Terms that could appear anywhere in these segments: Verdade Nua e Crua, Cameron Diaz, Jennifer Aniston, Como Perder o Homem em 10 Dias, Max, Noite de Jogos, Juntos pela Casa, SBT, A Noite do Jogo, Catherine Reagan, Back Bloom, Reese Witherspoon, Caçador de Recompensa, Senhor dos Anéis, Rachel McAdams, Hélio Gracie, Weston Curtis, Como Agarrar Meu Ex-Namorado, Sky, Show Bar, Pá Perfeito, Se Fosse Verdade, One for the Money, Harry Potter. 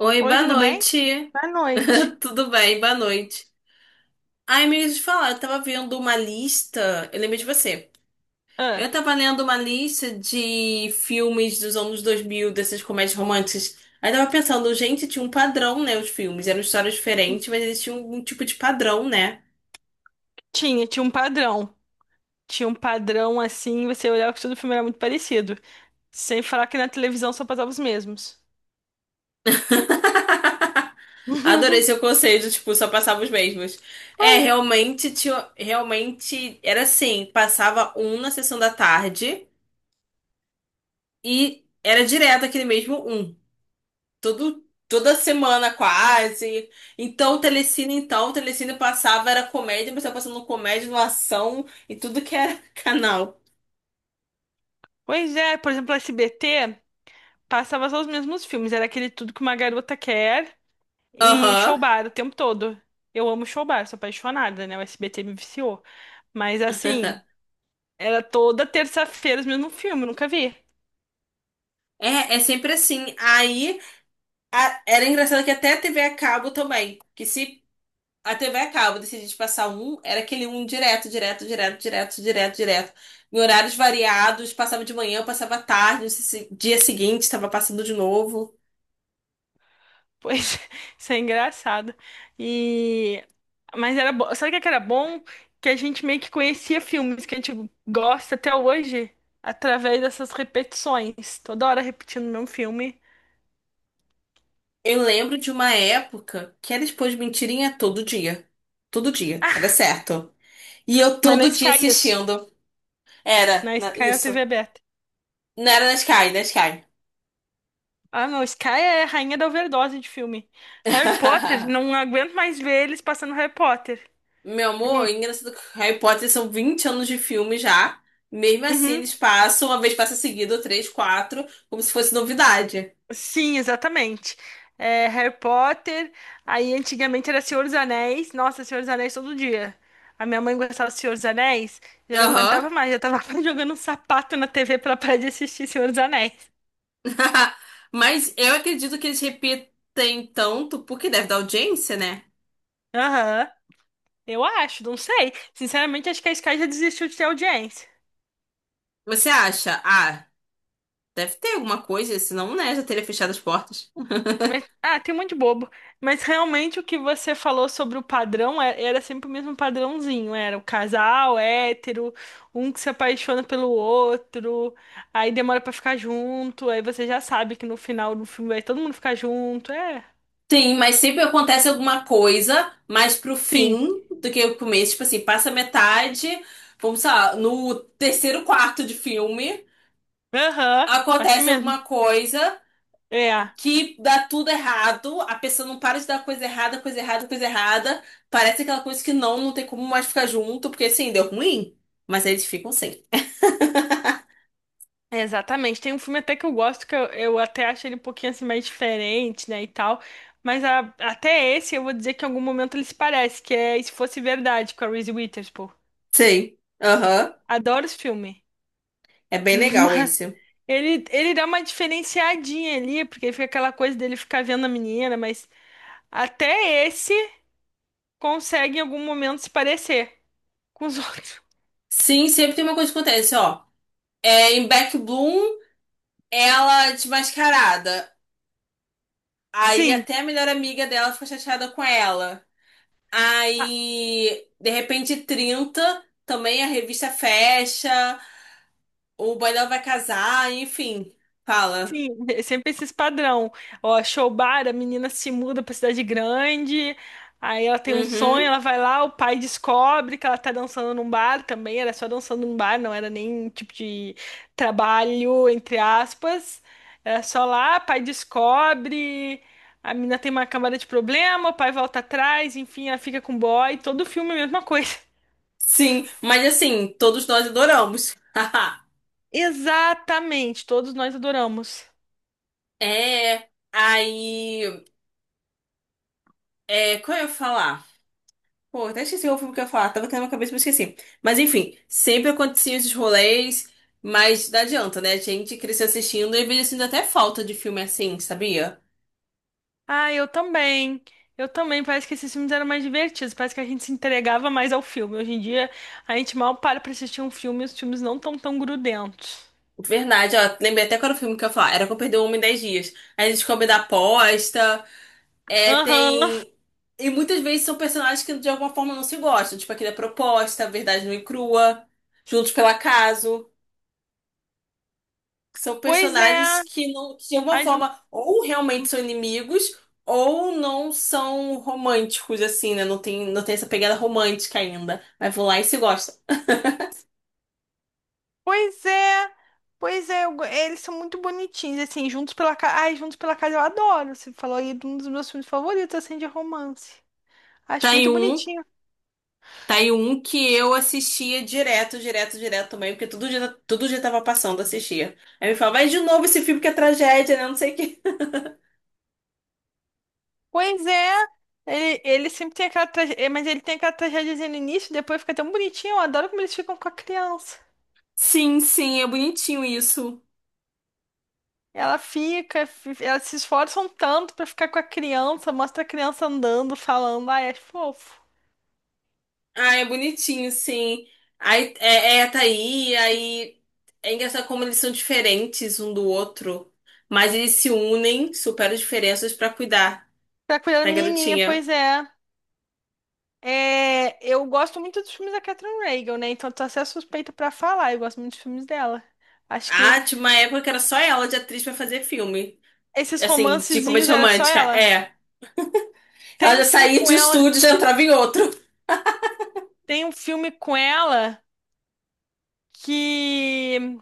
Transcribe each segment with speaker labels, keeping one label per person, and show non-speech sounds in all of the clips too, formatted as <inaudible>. Speaker 1: Oi,
Speaker 2: Oi,
Speaker 1: boa
Speaker 2: tudo bem?
Speaker 1: noite.
Speaker 2: Boa noite.
Speaker 1: <laughs> Tudo bem, boa noite. Ai, me deixa falar, eu tava vendo uma lista. Eu lembrei de você. Eu
Speaker 2: Ah,
Speaker 1: tava lendo uma lista de filmes dos anos 2000 dessas comédias românticas. Aí tava pensando, gente, tinha um padrão, né? Os filmes eram histórias diferentes, mas eles tinham um tipo de padrão, né?
Speaker 2: tinha um padrão. Tinha um padrão assim, você olhava que todo filme era muito parecido. Sem falar que na televisão só passava os mesmos.
Speaker 1: <laughs> Adorei seu
Speaker 2: <laughs>
Speaker 1: conceito, tipo, só passava os mesmos.
Speaker 2: Foi.
Speaker 1: É, realmente, tinha, realmente era assim, passava um na sessão da tarde. E era direto aquele mesmo um. Toda semana quase. Então, o Telecine passava, era comédia, mas tava passando comédia, no ação e tudo que era <laughs> canal.
Speaker 2: Pois é, por exemplo, SBT passava só os mesmos filmes. Era aquele Tudo Que Uma Garota Quer e
Speaker 1: Aham.
Speaker 2: Show Bar o tempo todo. Eu amo Show Bar, sou apaixonada, né? O SBT me viciou. Mas assim, era toda terça-feira os mesmos filmes, nunca vi.
Speaker 1: É sempre assim. Aí, era engraçado que até a TV a cabo também. Que se a TV a cabo decidisse passar um, era aquele um direto, direto, direto, direto, direto, direto. Em horários variados, passava de manhã, passava à tarde, dia seguinte estava passando de novo.
Speaker 2: Pois, <laughs> isso é engraçado. E mas era bom, sabe o que que era bom? Que a gente meio que conhecia filmes que a gente gosta até hoje através dessas repetições, toda hora repetindo o mesmo filme,
Speaker 1: Eu lembro de uma época que era expor de mentirinha todo dia. Todo dia, era certo. E eu
Speaker 2: mas na
Speaker 1: todo dia
Speaker 2: Sky isso,
Speaker 1: assistindo. Era,
Speaker 2: na Sky na TV
Speaker 1: isso.
Speaker 2: aberta.
Speaker 1: Não era na Sky, na Sky.
Speaker 2: Ah, não, Sky é a rainha da overdose de filme. Harry Potter, não
Speaker 1: <laughs>
Speaker 2: aguento mais ver eles passando Harry Potter,
Speaker 1: Meu amor, é
Speaker 2: juro.
Speaker 1: engraçado que Harry Potter são 20 anos de filme já. Mesmo assim,
Speaker 2: Uhum.
Speaker 1: eles passam, uma vez passa seguido, três, quatro, como se fosse novidade.
Speaker 2: Sim, exatamente. É, Harry Potter, aí antigamente era Senhor dos Anéis. Nossa, Senhor dos Anéis todo dia. A minha mãe gostava do Senhor dos Anéis, já não
Speaker 1: Aham.
Speaker 2: aguentava mais, já tava <laughs> quase jogando um sapato na TV pra parar de assistir Senhor dos Anéis.
Speaker 1: <laughs> Mas eu acredito que eles repetem tanto porque deve dar audiência, né?
Speaker 2: Aham, eu acho, não sei. Sinceramente, acho que a Sky já desistiu de ter audiência.
Speaker 1: Você acha? Ah. Deve ter alguma coisa, senão, né, já teria fechado as portas.
Speaker 2: Mas, ah, tem um monte de bobo. Mas realmente o que você falou sobre o padrão era, sempre o mesmo padrãozinho. Era o casal hétero, um que se apaixona pelo outro, aí demora pra ficar junto, aí você já sabe que no final do filme vai todo mundo ficar junto. É,
Speaker 1: Sim, mas sempre acontece alguma coisa mais pro
Speaker 2: sim,
Speaker 1: fim do que o começo. Tipo assim, passa metade, vamos sei lá, no terceiro quarto de filme,
Speaker 2: aham, assim
Speaker 1: acontece
Speaker 2: mesmo.
Speaker 1: alguma coisa
Speaker 2: É, é,
Speaker 1: que dá tudo errado, a pessoa não para de dar coisa errada, coisa errada, coisa errada. Parece aquela coisa que não tem como mais ficar junto, porque assim, deu ruim. Mas eles ficam sem.
Speaker 2: exatamente. Tem um filme até que eu gosto, que eu até acho ele um pouquinho assim mais diferente, né, e tal. Mas até esse eu vou dizer que em algum momento ele se parece, que é Se Fosse Verdade, com a Reese Witherspoon.
Speaker 1: Sim, aham.
Speaker 2: Adoro esse filme.
Speaker 1: É
Speaker 2: <laughs>
Speaker 1: bem legal
Speaker 2: Mas
Speaker 1: esse.
Speaker 2: Ele dá uma diferenciadinha ali, porque fica aquela coisa dele ficar vendo a menina, mas até esse consegue em algum momento se parecer com os <laughs> outros.
Speaker 1: Sim, sempre tem uma coisa que acontece, ó. É, em Back Bloom, ela é desmascarada. Aí
Speaker 2: Sim.
Speaker 1: até a melhor amiga dela fica chateada com ela. Aí, de repente, 30, também a revista fecha, o boy dela vai casar, enfim. Fala.
Speaker 2: Sim, <laughs> é sempre esses padrão. Ó, show bar, a menina se muda pra cidade grande, aí ela tem um sonho,
Speaker 1: Uhum.
Speaker 2: ela vai lá, o pai descobre que ela tá dançando num bar também, era só dançando num bar, não era nem tipo de trabalho, entre aspas. Era só lá, pai descobre, a menina tem uma camada de problema, o pai volta atrás, enfim, ela fica com o boy, todo filme é a mesma coisa. <laughs>
Speaker 1: Sim, mas assim, todos nós adoramos. <laughs>
Speaker 2: Exatamente, todos nós adoramos.
Speaker 1: É. Aí. É, como eu ia falar? Pô, até esqueci o filme que eu ia falar. Tava aqui na minha cabeça, mas esqueci. Mas enfim, sempre aconteciam esses rolês, mas não adianta, né? A gente cresceu assistindo e veio sentindo até falta de filme assim, sabia?
Speaker 2: Ah, eu também. Eu também. Parece que esses filmes eram mais divertidos. Parece que a gente se entregava mais ao filme. Hoje em dia, a gente mal para pra assistir um filme e os filmes não estão tão tão grudentos.
Speaker 1: Verdade, ó, lembrei até qual era o filme que eu ia falar. Era Como Perder o Homem em 10 Dias. Aí a gente come da aposta, é,
Speaker 2: Aham.
Speaker 1: tem... E muitas vezes são personagens que de alguma forma não se gostam. Tipo aquele da proposta, Verdade Nua e Crua, Juntos pelo Acaso. São
Speaker 2: Pois
Speaker 1: personagens
Speaker 2: é.
Speaker 1: que não, que de alguma
Speaker 2: Ai,
Speaker 1: forma, ou realmente
Speaker 2: jun-
Speaker 1: são inimigos, ou não são românticos, assim, né? Não tem essa pegada romântica ainda. Mas vão lá e se gostam.
Speaker 2: Pois é. Pois é. Eles são muito bonitinhos. Assim, Juntos pela Casa. Ai, Juntos pela Casa eu adoro. Você falou aí de um dos meus filmes favoritos, assim, de romance.
Speaker 1: Tá
Speaker 2: Acho
Speaker 1: aí
Speaker 2: muito
Speaker 1: um,
Speaker 2: bonitinho.
Speaker 1: tá aí um que eu assistia direto, direto, direto também, porque todo dia tava passando, assistia. Aí me falava, vai de novo esse filme que é tragédia, né? Não sei o quê.
Speaker 2: Pois é. Ele sempre tem aquela tragédia, mas ele tem aquela tragédia no início, depois fica tão bonitinho. Eu adoro como eles ficam com a criança.
Speaker 1: Sim, sim, é bonitinho isso.
Speaker 2: Ela fica, elas se esforçam tanto pra ficar com a criança, mostra a criança andando, falando, ai, é fofo.
Speaker 1: Ah, é bonitinho, sim. Aí é tá aí é engraçado como eles são diferentes um do outro, mas eles se unem, superam as diferenças pra cuidar
Speaker 2: Pra cuidar da
Speaker 1: da
Speaker 2: menininha,
Speaker 1: garotinha.
Speaker 2: pois é. É, eu gosto muito dos filmes da Catherine Reagan, né? Então tô até suspeita pra falar, eu gosto muito dos filmes dela. Acho que
Speaker 1: Ah, tinha uma época que era só ela de atriz pra fazer filme.
Speaker 2: esses
Speaker 1: Assim, de
Speaker 2: romancezinhos
Speaker 1: comédia
Speaker 2: era só
Speaker 1: romântica.
Speaker 2: ela.
Speaker 1: É. Ela
Speaker 2: Tem
Speaker 1: já
Speaker 2: um filme
Speaker 1: saía
Speaker 2: com
Speaker 1: de um
Speaker 2: ela,
Speaker 1: estúdio e já entrava em outro.
Speaker 2: tem um filme com ela que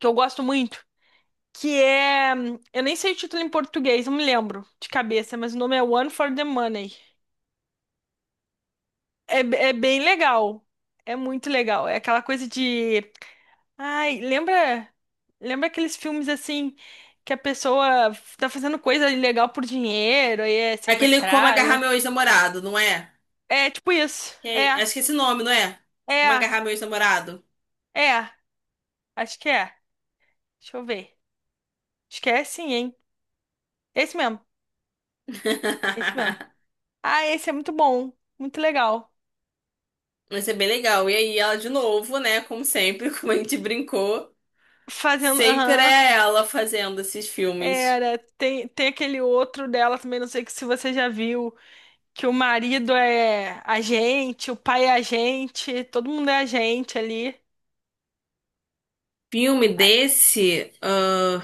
Speaker 2: que eu gosto muito, que é, eu nem sei o título em português, não me lembro de cabeça, mas o nome é One for the Money. É, é bem legal. É muito legal. É aquela coisa de. Ai, lembra. Lembra aqueles filmes assim que a pessoa tá fazendo coisa ilegal por dinheiro e é
Speaker 1: Aquele Como Agarrar
Speaker 2: sequestrada?
Speaker 1: Meu Ex-Namorado, não é?
Speaker 2: É tipo isso. É,
Speaker 1: Acho que é esse nome, não é? Como
Speaker 2: é,
Speaker 1: Agarrar Meu Ex-Namorado.
Speaker 2: é. Acho que é. Deixa eu ver. Acho que é sim, hein? Esse mesmo. Esse mesmo.
Speaker 1: <laughs>
Speaker 2: Ah, esse é muito bom. Muito legal.
Speaker 1: Vai ser bem legal. E aí, ela de novo, né? Como sempre, <laughs> como a gente brincou,
Speaker 2: Fazendo.
Speaker 1: sempre
Speaker 2: Aham.
Speaker 1: é ela fazendo esses filmes.
Speaker 2: Era. Tem, tem aquele outro dela também, não sei que se você já viu. Que o marido é a gente, o pai é a gente, todo mundo é a gente ali.
Speaker 1: Filme
Speaker 2: A-
Speaker 1: desse.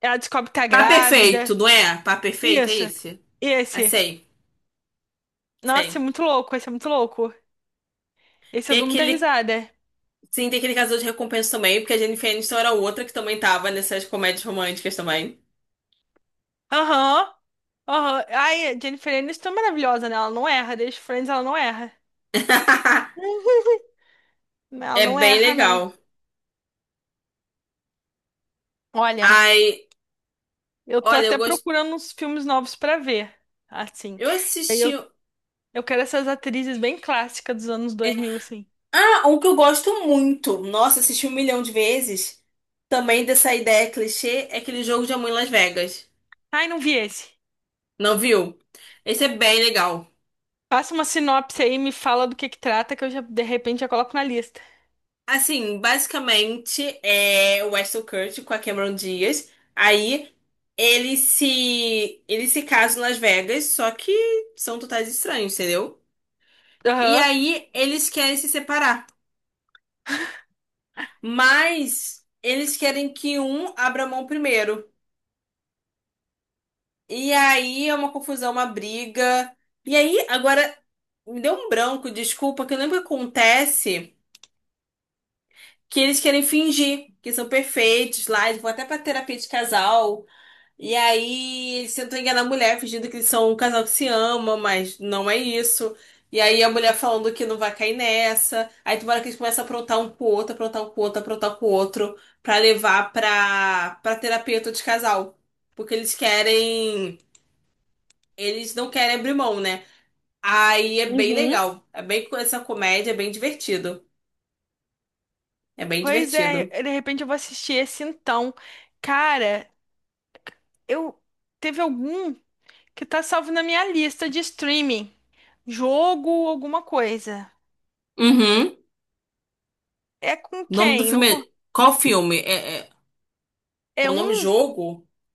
Speaker 2: Ela descobre que tá
Speaker 1: Pá
Speaker 2: grávida.
Speaker 1: Perfeito, não é? Pá Perfeito é
Speaker 2: Isso.
Speaker 1: esse?
Speaker 2: E
Speaker 1: Ah,
Speaker 2: esse?
Speaker 1: sei,
Speaker 2: Nossa, é
Speaker 1: sei.
Speaker 2: muito louco, esse é muito louco. Esse eu
Speaker 1: Tem
Speaker 2: dou muita
Speaker 1: aquele.
Speaker 2: risada.
Speaker 1: Sim, tem aquele Caçador de Recompensa também, porque a Jennifer Aniston era outra que também tava nessas comédias românticas também.
Speaker 2: Aham, aham. Ai, a Jennifer Aniston é maravilhosa, né? Ela não erra. Desde Friends ela não erra.
Speaker 1: <laughs>
Speaker 2: <laughs> Ela
Speaker 1: É
Speaker 2: não
Speaker 1: bem
Speaker 2: erra, não.
Speaker 1: legal.
Speaker 2: Olha,
Speaker 1: Ai,
Speaker 2: eu tô
Speaker 1: olha, eu
Speaker 2: até
Speaker 1: gosto.
Speaker 2: procurando uns filmes novos pra ver, assim.
Speaker 1: Eu assisti.
Speaker 2: Eu, eu quero essas atrizes bem clássicas dos anos 2000 assim.
Speaker 1: Ah, um que eu gosto muito. Nossa, assisti um milhão de vezes. Também dessa ideia clichê é aquele jogo de amor em Las Vegas.
Speaker 2: Ai, não vi esse.
Speaker 1: Não viu? Esse é bem legal.
Speaker 2: Passa uma sinopse aí, me fala do que trata, que eu já, de repente, já coloco na lista.
Speaker 1: Assim, basicamente é o Weston Curtis com a Cameron Diaz. Aí ele se casa em Las Vegas, só que são totais estranhos, entendeu? E
Speaker 2: Aham.
Speaker 1: aí eles querem se separar, mas eles querem que um abra mão primeiro. E aí é uma confusão, uma briga. E aí, agora, me deu um branco, desculpa, que eu lembro que acontece que eles querem fingir que são perfeitos lá, eles vão até pra terapia de casal. E aí, eles tentam enganar a mulher, fingindo que eles são um casal que se ama, mas não é isso. E aí, a mulher falando que não vai cair nessa. Aí, tem uma hora que eles começam a aprontar um com o outro, aprontar um com o outro, aprontar um com o outro, pra levar pra, terapeuta de casal. Porque eles querem. Eles não querem abrir mão, né? Aí é bem
Speaker 2: Uhum.
Speaker 1: legal. É bem com essa comédia, é bem divertido. É bem
Speaker 2: Pois é,
Speaker 1: divertido.
Speaker 2: de repente eu vou assistir esse então. Cara, eu teve algum que tá salvo na minha lista de streaming. Jogo, alguma coisa.
Speaker 1: Uhum. O
Speaker 2: É com
Speaker 1: nome do
Speaker 2: quem? Não
Speaker 1: filme
Speaker 2: com...
Speaker 1: é... Qual filme? É... Com
Speaker 2: É
Speaker 1: o nome
Speaker 2: um?
Speaker 1: jogo?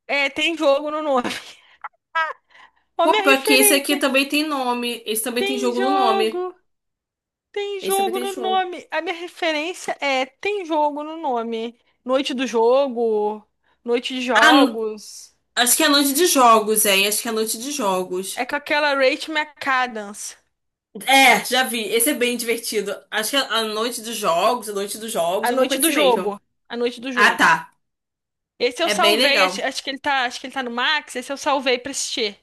Speaker 2: É, tem jogo no nome. <laughs> Ó,
Speaker 1: Pô,
Speaker 2: minha
Speaker 1: pior que esse aqui
Speaker 2: referência.
Speaker 1: também tem nome. Esse também tem
Speaker 2: Tem
Speaker 1: jogo no nome.
Speaker 2: jogo. Tem
Speaker 1: Esse também
Speaker 2: jogo
Speaker 1: tem
Speaker 2: no
Speaker 1: jogo.
Speaker 2: nome. A minha referência é tem jogo no nome. Noite do jogo, noite de
Speaker 1: Ah,
Speaker 2: jogos.
Speaker 1: acho que é Noite de Jogos, é. Acho que é Noite de Jogos.
Speaker 2: É com aquela Rachel McAdams.
Speaker 1: É, já vi. Esse é bem divertido. Acho que é a Noite dos Jogos, a Noite dos Jogos,
Speaker 2: A
Speaker 1: é uma
Speaker 2: noite
Speaker 1: coisa assim
Speaker 2: do
Speaker 1: mesmo.
Speaker 2: jogo. A noite do
Speaker 1: Ah,
Speaker 2: jogo.
Speaker 1: tá.
Speaker 2: Esse eu
Speaker 1: É bem
Speaker 2: salvei, acho,
Speaker 1: legal.
Speaker 2: acho que ele tá, acho que ele tá no Max, esse eu salvei pra assistir.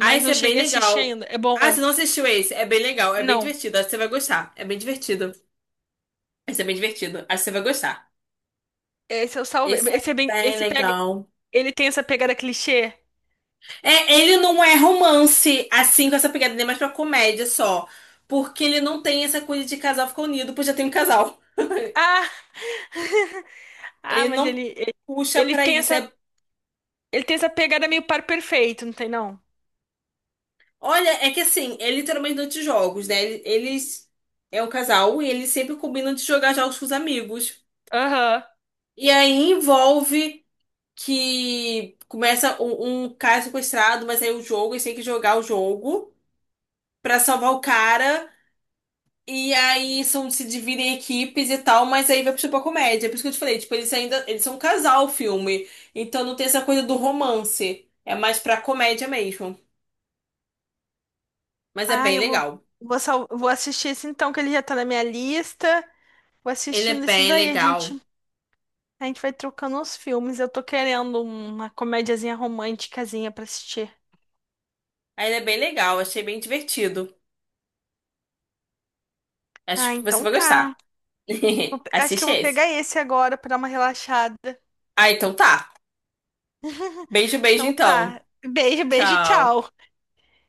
Speaker 1: Ah, esse
Speaker 2: não
Speaker 1: é bem
Speaker 2: cheguei a assistir
Speaker 1: legal.
Speaker 2: ainda. É
Speaker 1: Ah,
Speaker 2: bom.
Speaker 1: você não assistiu esse? É bem legal, é bem
Speaker 2: Não.
Speaker 1: divertido. Acho que você vai gostar. É bem divertido. Esse é bem divertido. Acho que você vai gostar.
Speaker 2: Esse eu salvei.
Speaker 1: Esse é
Speaker 2: Esse é bem,
Speaker 1: bem
Speaker 2: esse pega,
Speaker 1: legal.
Speaker 2: ele tem essa pegada clichê.
Speaker 1: É, ele não é romance, assim, com essa pegada, nem mais pra comédia só. Porque ele não tem essa coisa de casal ficar unido, pois já tem um casal. <laughs>
Speaker 2: Ah, ah,
Speaker 1: Ele
Speaker 2: mas
Speaker 1: não
Speaker 2: ele ele,
Speaker 1: puxa
Speaker 2: ele
Speaker 1: pra
Speaker 2: tem
Speaker 1: isso.
Speaker 2: essa,
Speaker 1: É-
Speaker 2: ele tem essa, pegada meio par perfeito, não tem não?
Speaker 1: olha, é que assim, é literalmente durante os jogos, né? Eles é um casal e eles sempre combinam de jogar jogos com os amigos.
Speaker 2: Aham.
Speaker 1: E aí envolve, que começa um cara sequestrado, mas aí o jogo, eles têm que jogar o jogo pra salvar o cara. E aí se dividem em equipes e tal, mas aí vai puxar pra comédia. É por isso que eu te falei, tipo, eles ainda, eles são um casal, o filme. Então não tem essa coisa do romance. É mais pra comédia mesmo. Mas é
Speaker 2: Ah,
Speaker 1: bem
Speaker 2: eu vou
Speaker 1: legal.
Speaker 2: vou, sal, vou assistir esse então que ele já tá na minha lista. Vou
Speaker 1: Ele é
Speaker 2: assistindo esses
Speaker 1: bem
Speaker 2: aí, a
Speaker 1: legal.
Speaker 2: gente A gente vai trocando os filmes. Eu tô querendo uma comédiazinha românticazinha pra assistir.
Speaker 1: Ah, ele é bem legal, achei bem divertido.
Speaker 2: Ah,
Speaker 1: Acho que você
Speaker 2: então
Speaker 1: vai
Speaker 2: tá.
Speaker 1: gostar. <laughs>
Speaker 2: Acho que eu
Speaker 1: Assiste
Speaker 2: vou
Speaker 1: esse.
Speaker 2: pegar esse agora pra dar uma relaxada.
Speaker 1: Ah, então tá. Beijo, beijo
Speaker 2: Então
Speaker 1: então.
Speaker 2: tá. Beijo, beijo,
Speaker 1: Tchau.
Speaker 2: tchau.